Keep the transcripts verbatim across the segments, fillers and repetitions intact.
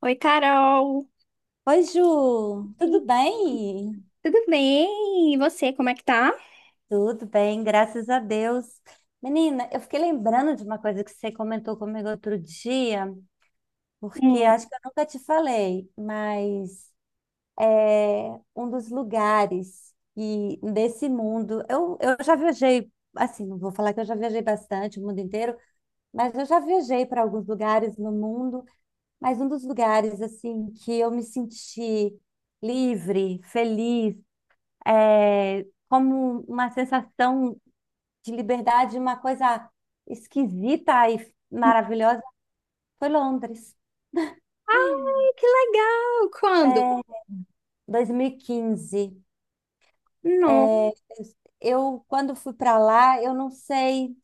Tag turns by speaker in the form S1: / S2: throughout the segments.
S1: Oi, Carol.
S2: Oi, Ju,
S1: Sim.
S2: tudo bem?
S1: Tudo bem? E você, como é que tá?
S2: Tudo bem, graças a Deus. Menina, eu fiquei lembrando de uma coisa que você comentou comigo outro dia, porque
S1: Hum.
S2: acho que eu nunca te falei, mas é um dos lugares e desse mundo. Eu, eu já viajei, assim, não vou falar que eu já viajei bastante o mundo inteiro, mas eu já viajei para alguns lugares no mundo, mas um dos lugares, assim, que eu me senti livre, feliz, é, como uma sensação de liberdade, uma coisa esquisita e
S1: Hum.
S2: maravilhosa, foi Londres,
S1: Ai, que legal! Quando?
S2: é, dois mil e quinze.
S1: Não.
S2: É, eu, quando fui para lá, eu não sei,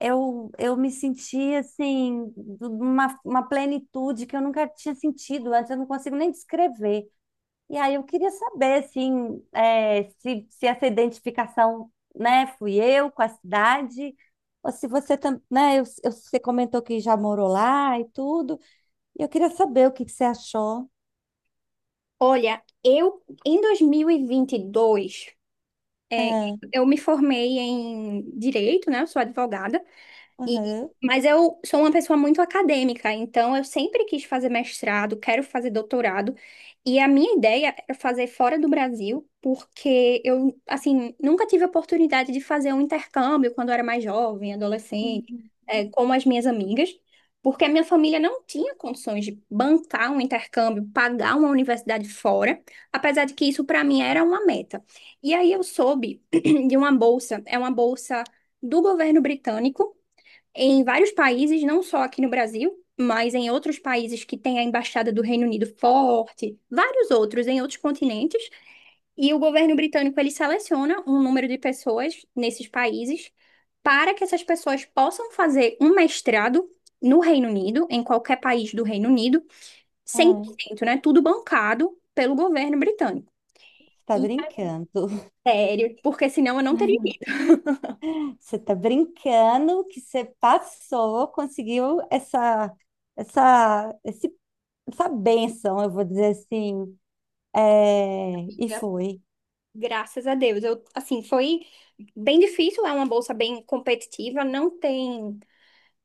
S2: eu, eu me senti assim, de uma, uma plenitude que eu nunca tinha sentido antes, eu não consigo nem descrever. E aí eu queria saber, assim, é, se, se essa identificação, né, fui eu com a cidade, ou se você também, né, eu- eu- você comentou que já morou lá e tudo, e eu queria saber o que que você achou.
S1: Olha, eu em dois mil e vinte e dois, é,
S2: É.
S1: eu me formei em direito, né? Eu sou advogada. E,
S2: Aham.
S1: mas eu sou uma pessoa muito acadêmica, então eu sempre quis fazer mestrado, quero fazer doutorado, e a minha ideia era fazer fora do Brasil, porque eu, assim, nunca tive a oportunidade de fazer um intercâmbio quando eu era mais jovem, adolescente,
S2: Uhum.
S1: eh, como as minhas amigas, porque a minha família não tinha condições de bancar um intercâmbio, pagar uma universidade fora, apesar de que isso para mim era uma meta. E aí eu soube de uma bolsa, é uma bolsa do governo britânico em vários países, não só aqui no Brasil, mas em outros países que tem a embaixada do Reino Unido forte, vários outros em outros continentes, e o governo britânico ele seleciona um número de pessoas nesses países para que essas pessoas possam fazer um mestrado no Reino Unido, em qualquer país do Reino Unido,
S2: É,
S1: cem por cento, né? Tudo bancado pelo governo britânico.
S2: você tá
S1: E
S2: brincando.
S1: é sério, porque senão eu não teria
S2: Você tá brincando que você passou, conseguiu essa, essa, esse, essa bênção, eu vou dizer assim, é, e
S1: ido.
S2: foi.
S1: Graças a Deus. Eu, assim, foi bem difícil, é uma bolsa bem competitiva, não tem,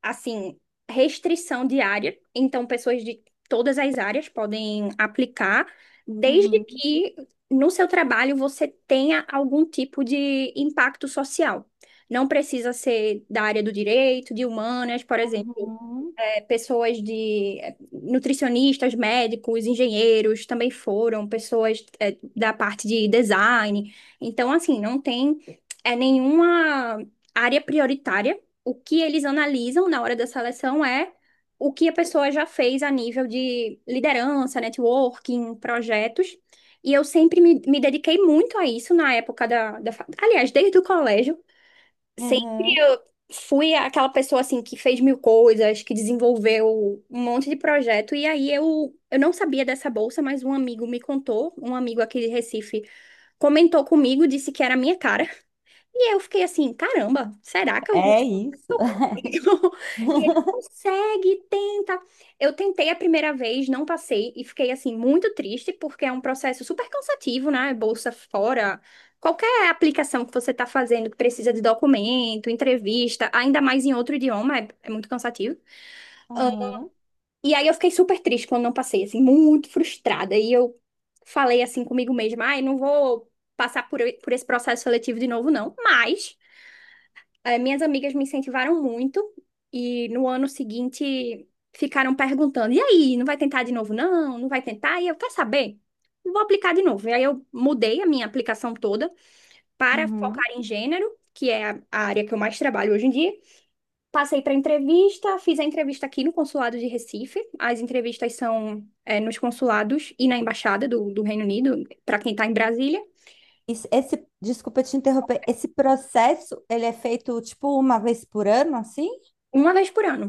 S1: assim, restrição de área, então pessoas de todas as áreas podem aplicar, desde
S2: Uhum,
S1: que no seu trabalho você tenha algum tipo de impacto social. Não precisa ser da área do direito, de humanas, por exemplo
S2: uhum.
S1: é, pessoas de é, nutricionistas, médicos, engenheiros também foram, pessoas é, da parte de design. Então, assim, não tem é, nenhuma área prioritária. O que eles analisam na hora da seleção é o que a pessoa já fez a nível de liderança, networking, projetos. E eu sempre me, me dediquei muito a isso na época da, da. fa- Aliás, desde o colégio, sempre
S2: Uhum.
S1: eu fui aquela pessoa assim que fez mil coisas, que desenvolveu um monte de projeto. E aí eu, eu não sabia dessa bolsa, mas um amigo me contou, um amigo aqui de Recife comentou comigo, disse que era a minha cara. E eu fiquei assim, caramba, será que eu
S2: É isso.
S1: eu consigo. E ele consegue, tenta. Eu tentei a primeira vez, não passei e fiquei assim muito triste porque é um processo super cansativo, né? Bolsa fora, qualquer aplicação que você está fazendo que precisa de documento, entrevista, ainda mais em outro idioma, é, é muito cansativo.
S2: Uhum.
S1: E aí eu fiquei super triste quando não passei, assim, muito frustrada. E eu falei assim comigo mesma, ai, não vou passar por, por esse processo seletivo de novo, não. Mas eh, minhas amigas me incentivaram muito e no ano seguinte ficaram perguntando: e aí, não vai tentar de novo, não? Não vai tentar? E eu, quer saber? Vou aplicar de novo. E aí eu mudei a minha aplicação toda para
S2: Uhum.
S1: focar em gênero, que é a a área que eu mais trabalho hoje em dia. Passei para entrevista, fiz a entrevista aqui no consulado de Recife. As entrevistas são, eh, nos consulados e na embaixada do, do Reino Unido, para quem está em Brasília,
S2: Isso- Esse, desculpa te interromper, esse processo, ele é feito tipo uma vez por ano, assim?
S1: uma vez por ano.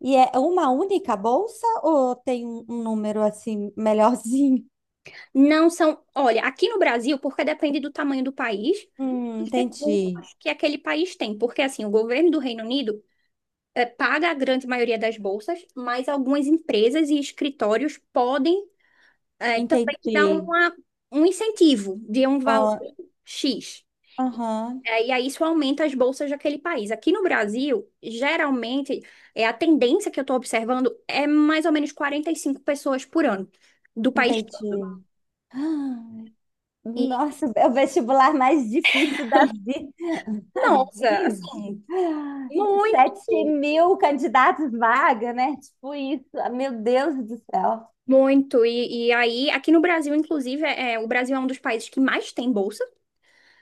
S2: E é uma única bolsa ou tem um, um número assim melhorzinho?
S1: Não são, olha, aqui no Brasil, porque depende do tamanho do país,
S2: Hum,
S1: os
S2: entendi.
S1: recursos que aquele país tem, porque assim, o governo do Reino Unido eh, paga a grande maioria das bolsas, mas algumas empresas e escritórios podem eh, também dar
S2: Entendi.
S1: uma, um incentivo de um
S2: Ó,
S1: valor X.
S2: aham,
S1: Eh, e aí isso aumenta as bolsas daquele país. Aqui no Brasil, geralmente, é a tendência que eu estou observando é mais ou menos quarenta e cinco pessoas por ano do país todo.
S2: entendi. Ah,
S1: E,
S2: nossa, é o vestibular mais difícil da vida.
S1: Nossa, assim,
S2: sete
S1: muito.
S2: mil candidatos vaga, né? Tipo isso. Ah, meu Deus do céu.
S1: Muito, e, e aí, aqui no Brasil, inclusive, é, é, o Brasil é um dos países que mais tem bolsa,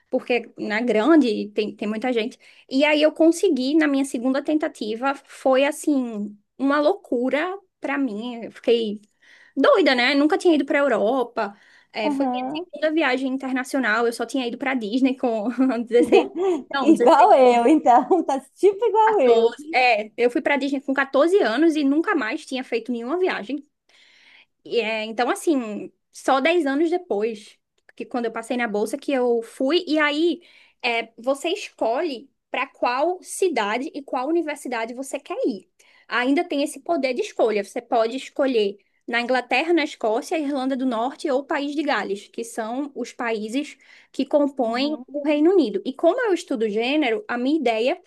S1: porque é grande e tem, tem muita gente. E aí eu consegui, na minha segunda tentativa, foi assim, uma loucura pra mim. Eu fiquei doida, né? Nunca tinha ido pra Europa. É, foi minha
S2: Aham.
S1: segunda viagem internacional, eu só tinha ido pra Disney com dezesseis não, dezesseis,
S2: Igual eu, então, tá tipo igual eu.
S1: quatorze. É, eu fui pra Disney com quatorze anos e nunca mais tinha feito nenhuma viagem. E, é, então, assim, só dez anos depois, que quando eu passei na bolsa, que eu fui, e aí é, você escolhe para qual cidade e qual universidade você quer ir. Ainda tem esse poder de escolha. Você pode escolher na Inglaterra, na Escócia, Irlanda do Norte ou País de Gales, que são os países que compõem
S2: Uhum.
S1: o Reino Unido. E como eu estudo gênero, a minha ideia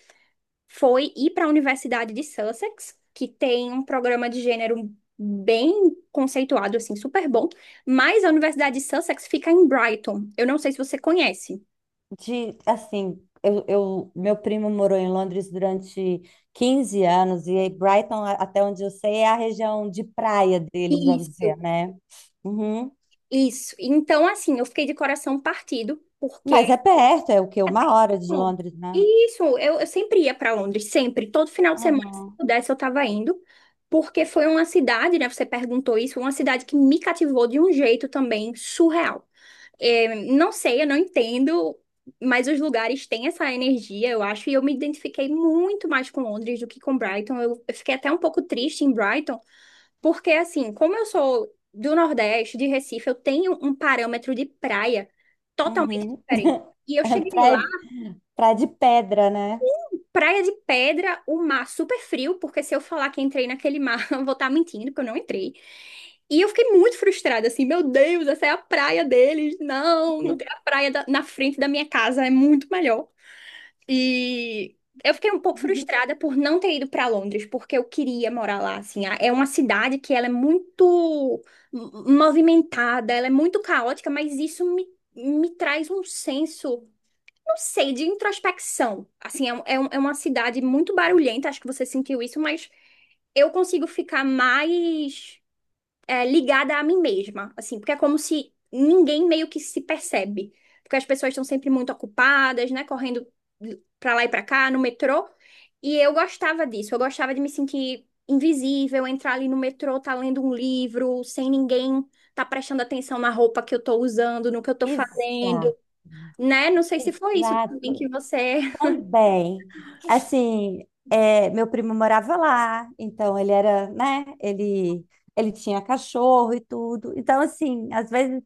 S1: foi ir para a Universidade de Sussex, que tem um programa de gênero bem conceituado, assim, super bom. Mas a Universidade de Sussex fica em Brighton. Eu não sei se você conhece.
S2: De, assim, eu, eu- meu primo morou em Londres durante quinze anos e Brighton, a- até onde eu sei, é a região de praia deles, vamos
S1: Isso,
S2: dizer, né? Uhum.
S1: isso. Então, assim, eu fiquei de coração partido,
S2: Mas
S1: porque.
S2: é perto, é o quê? Uma hora de
S1: Bom,
S2: Londres, né?
S1: isso, eu, eu sempre ia para Londres, sempre. Todo final de semana, se
S2: Uhum.
S1: pudesse, eu estava indo. Porque foi uma cidade, né? Você perguntou isso, uma cidade que me cativou de um jeito também surreal. É, não sei, eu não entendo, mas os lugares têm essa energia, eu acho, e eu me identifiquei muito mais com Londres do que com Brighton. Eu, eu fiquei até um pouco triste em Brighton, porque assim, como eu sou do Nordeste, de Recife, eu tenho um parâmetro de praia totalmente
S2: Uhum.
S1: diferente. E eu
S2: É
S1: cheguei lá.
S2: praia, praia de pedra, né?
S1: Praia de Pedra, o mar super frio, porque se eu falar que entrei naquele mar, eu vou estar mentindo, porque eu não entrei. E eu fiquei muito frustrada, assim, meu Deus, essa é a praia deles. Não, não tem a praia da- na frente da minha casa, é muito melhor. E eu fiquei um pouco frustrada por não ter ido para Londres, porque eu queria morar lá, assim. A- É uma cidade que ela é muito m- movimentada, ela é muito caótica, mas isso me, me traz um senso não sei, de introspecção. Assim, é, um- é, um- é uma cidade muito barulhenta, acho que você sentiu isso, mas eu consigo ficar mais é, ligada a mim mesma, assim, porque é como se ninguém meio que se percebe. Porque as pessoas estão sempre muito ocupadas, né? Correndo pra lá e pra cá, no metrô. E eu gostava disso, eu gostava de me sentir invisível, entrar ali no metrô, tá lendo um livro, sem ninguém tá prestando atenção na roupa que eu tô usando, no que eu tô fazendo
S2: Exato,
S1: né? Não sei se foi isso também que
S2: exato.
S1: você.
S2: Também. Assim, é, meu primo morava lá, então ele era, né? Ele, ele tinha cachorro e tudo. Então, assim, às vezes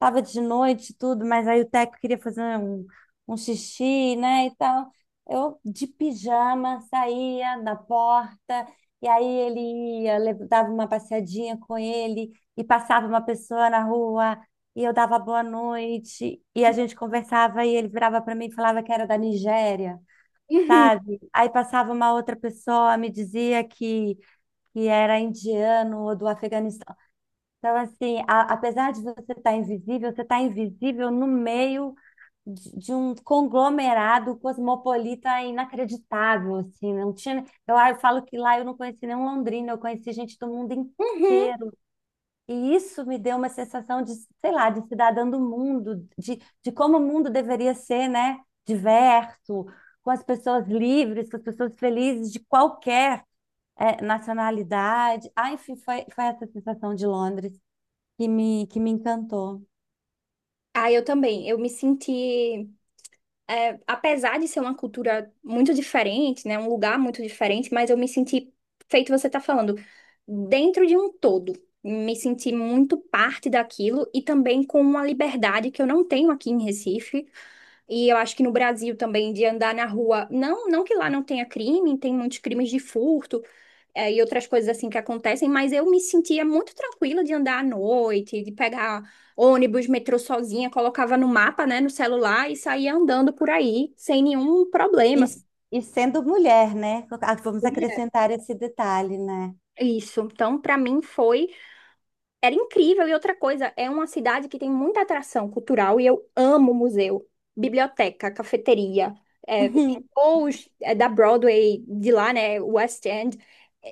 S2: tava de noite, e tudo, mas aí o Teco queria fazer um, um xixi, né, e tal. Eu, de pijama, saía da porta, e aí ele ia, lev- dava uma passeadinha com ele, e passava uma pessoa na rua, e eu dava boa noite, e a gente conversava, e ele virava para mim e falava que era da Nigéria,
S1: Uhum,
S2: sabe? Aí passava uma outra pessoa, me dizia que, que era indiano ou do Afeganistão. Então, assim, a- apesar de você estar invisível, você está invisível no meio de, de um conglomerado cosmopolita inacreditável, assim, né? não tinha... Eu, ah, eu falo que lá eu não conheci nenhum londrino, eu conheci gente do mundo
S1: uhum.
S2: inteiro. E isso me deu uma sensação de, sei lá, de cidadã do mundo, de, de como o mundo deveria ser, né? Diverso, com as pessoas livres, com as pessoas felizes, de qualquer... eh, nacionalidade. Ah, enfim, foi, foi essa sensação de Londres que me, que me encantou.
S1: Ah, eu também. Eu me senti, é, apesar de ser uma cultura muito diferente, né, um lugar muito diferente, mas eu me senti, feito você tá falando, dentro de um todo. Me senti muito parte daquilo e também com uma liberdade que eu não tenho aqui em Recife. E eu acho que no Brasil também, de andar na rua, não, não que lá não tenha crime, tem muitos crimes de furto, é, e outras coisas assim que acontecem, mas eu me sentia muito tranquila de andar à noite, de pegar ônibus, metrô sozinha, colocava no mapa, né, no celular e saía andando por aí sem nenhum
S2: E,
S1: problema. Assim,
S2: e sendo mulher, né? Ah, vamos
S1: né?
S2: acrescentar esse detalhe, né?
S1: Isso. Então, para mim foi Era incrível. E outra coisa, é uma cidade que tem muita atração cultural e eu amo museu, biblioteca, cafeteria, é, shows é, da Broadway, de lá, né, West End.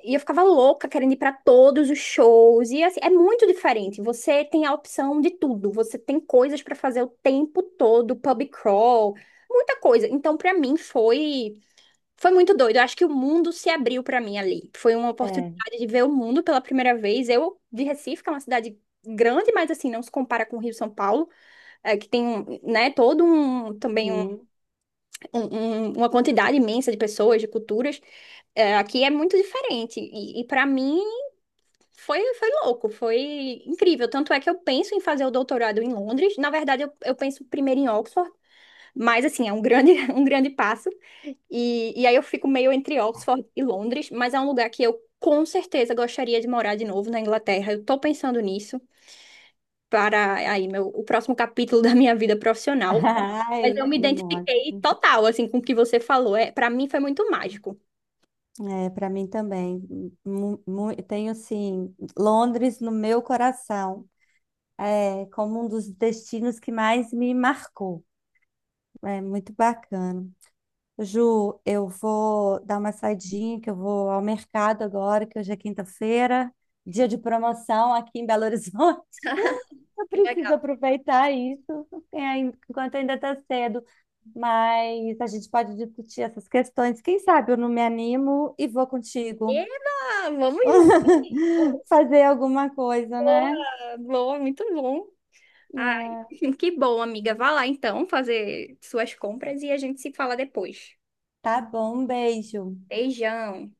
S1: E eu ficava louca querendo ir para todos os shows. E assim, é muito diferente. Você tem a opção de tudo. Você tem coisas para fazer o tempo todo, pub crawl, muita coisa. Então, para mim, foi. Foi muito doido. Eu acho que o mundo se abriu pra mim ali. Foi uma
S2: É.
S1: oportunidade de ver o mundo pela primeira vez. Eu, de Recife, que é uma cidade grande, mas assim, não se compara com o Rio São Paulo, é, que tem, um, né, todo um, também um-
S2: Uhum.
S1: um- um- uma quantidade imensa de pessoas, de culturas. É, aqui é muito diferente. E, e para mim foi, foi, louco, foi incrível. Tanto é que eu penso em fazer o doutorado em Londres. Na verdade, eu, eu penso primeiro em Oxford, mas assim, é um grande, um grande passo. E, e aí eu fico meio entre Oxford e Londres, mas é um lugar que eu com certeza gostaria de morar de novo na Inglaterra. Eu tô pensando nisso para aí meu, o próximo capítulo da minha vida profissional. Mas
S2: Ai,
S1: eu me
S2: nossa.
S1: identifiquei total, assim, com o que você falou. É, para mim foi muito mágico.
S2: É, para mim também. Mu- mu- Tenho, assim, Londres no meu coração. É como um dos destinos que mais me marcou. É muito bacana. Ju, eu vou dar uma saidinha, que eu vou ao mercado agora, que hoje é quinta-feira, dia de promoção aqui em Belo Horizonte. Eu
S1: Que
S2: preciso
S1: legal.
S2: aproveitar isso é, ain- enquanto ainda está cedo, mas a gente pode discutir essas questões. Quem sabe eu não me animo e vou contigo
S1: Eba, vamos junto.
S2: fazer alguma coisa,
S1: Boa,
S2: né?
S1: boa, muito bom. Ai,
S2: É,
S1: que bom, amiga. Vá lá então fazer suas compras e a gente se fala depois.
S2: tá bom, um beijo.
S1: Beijão.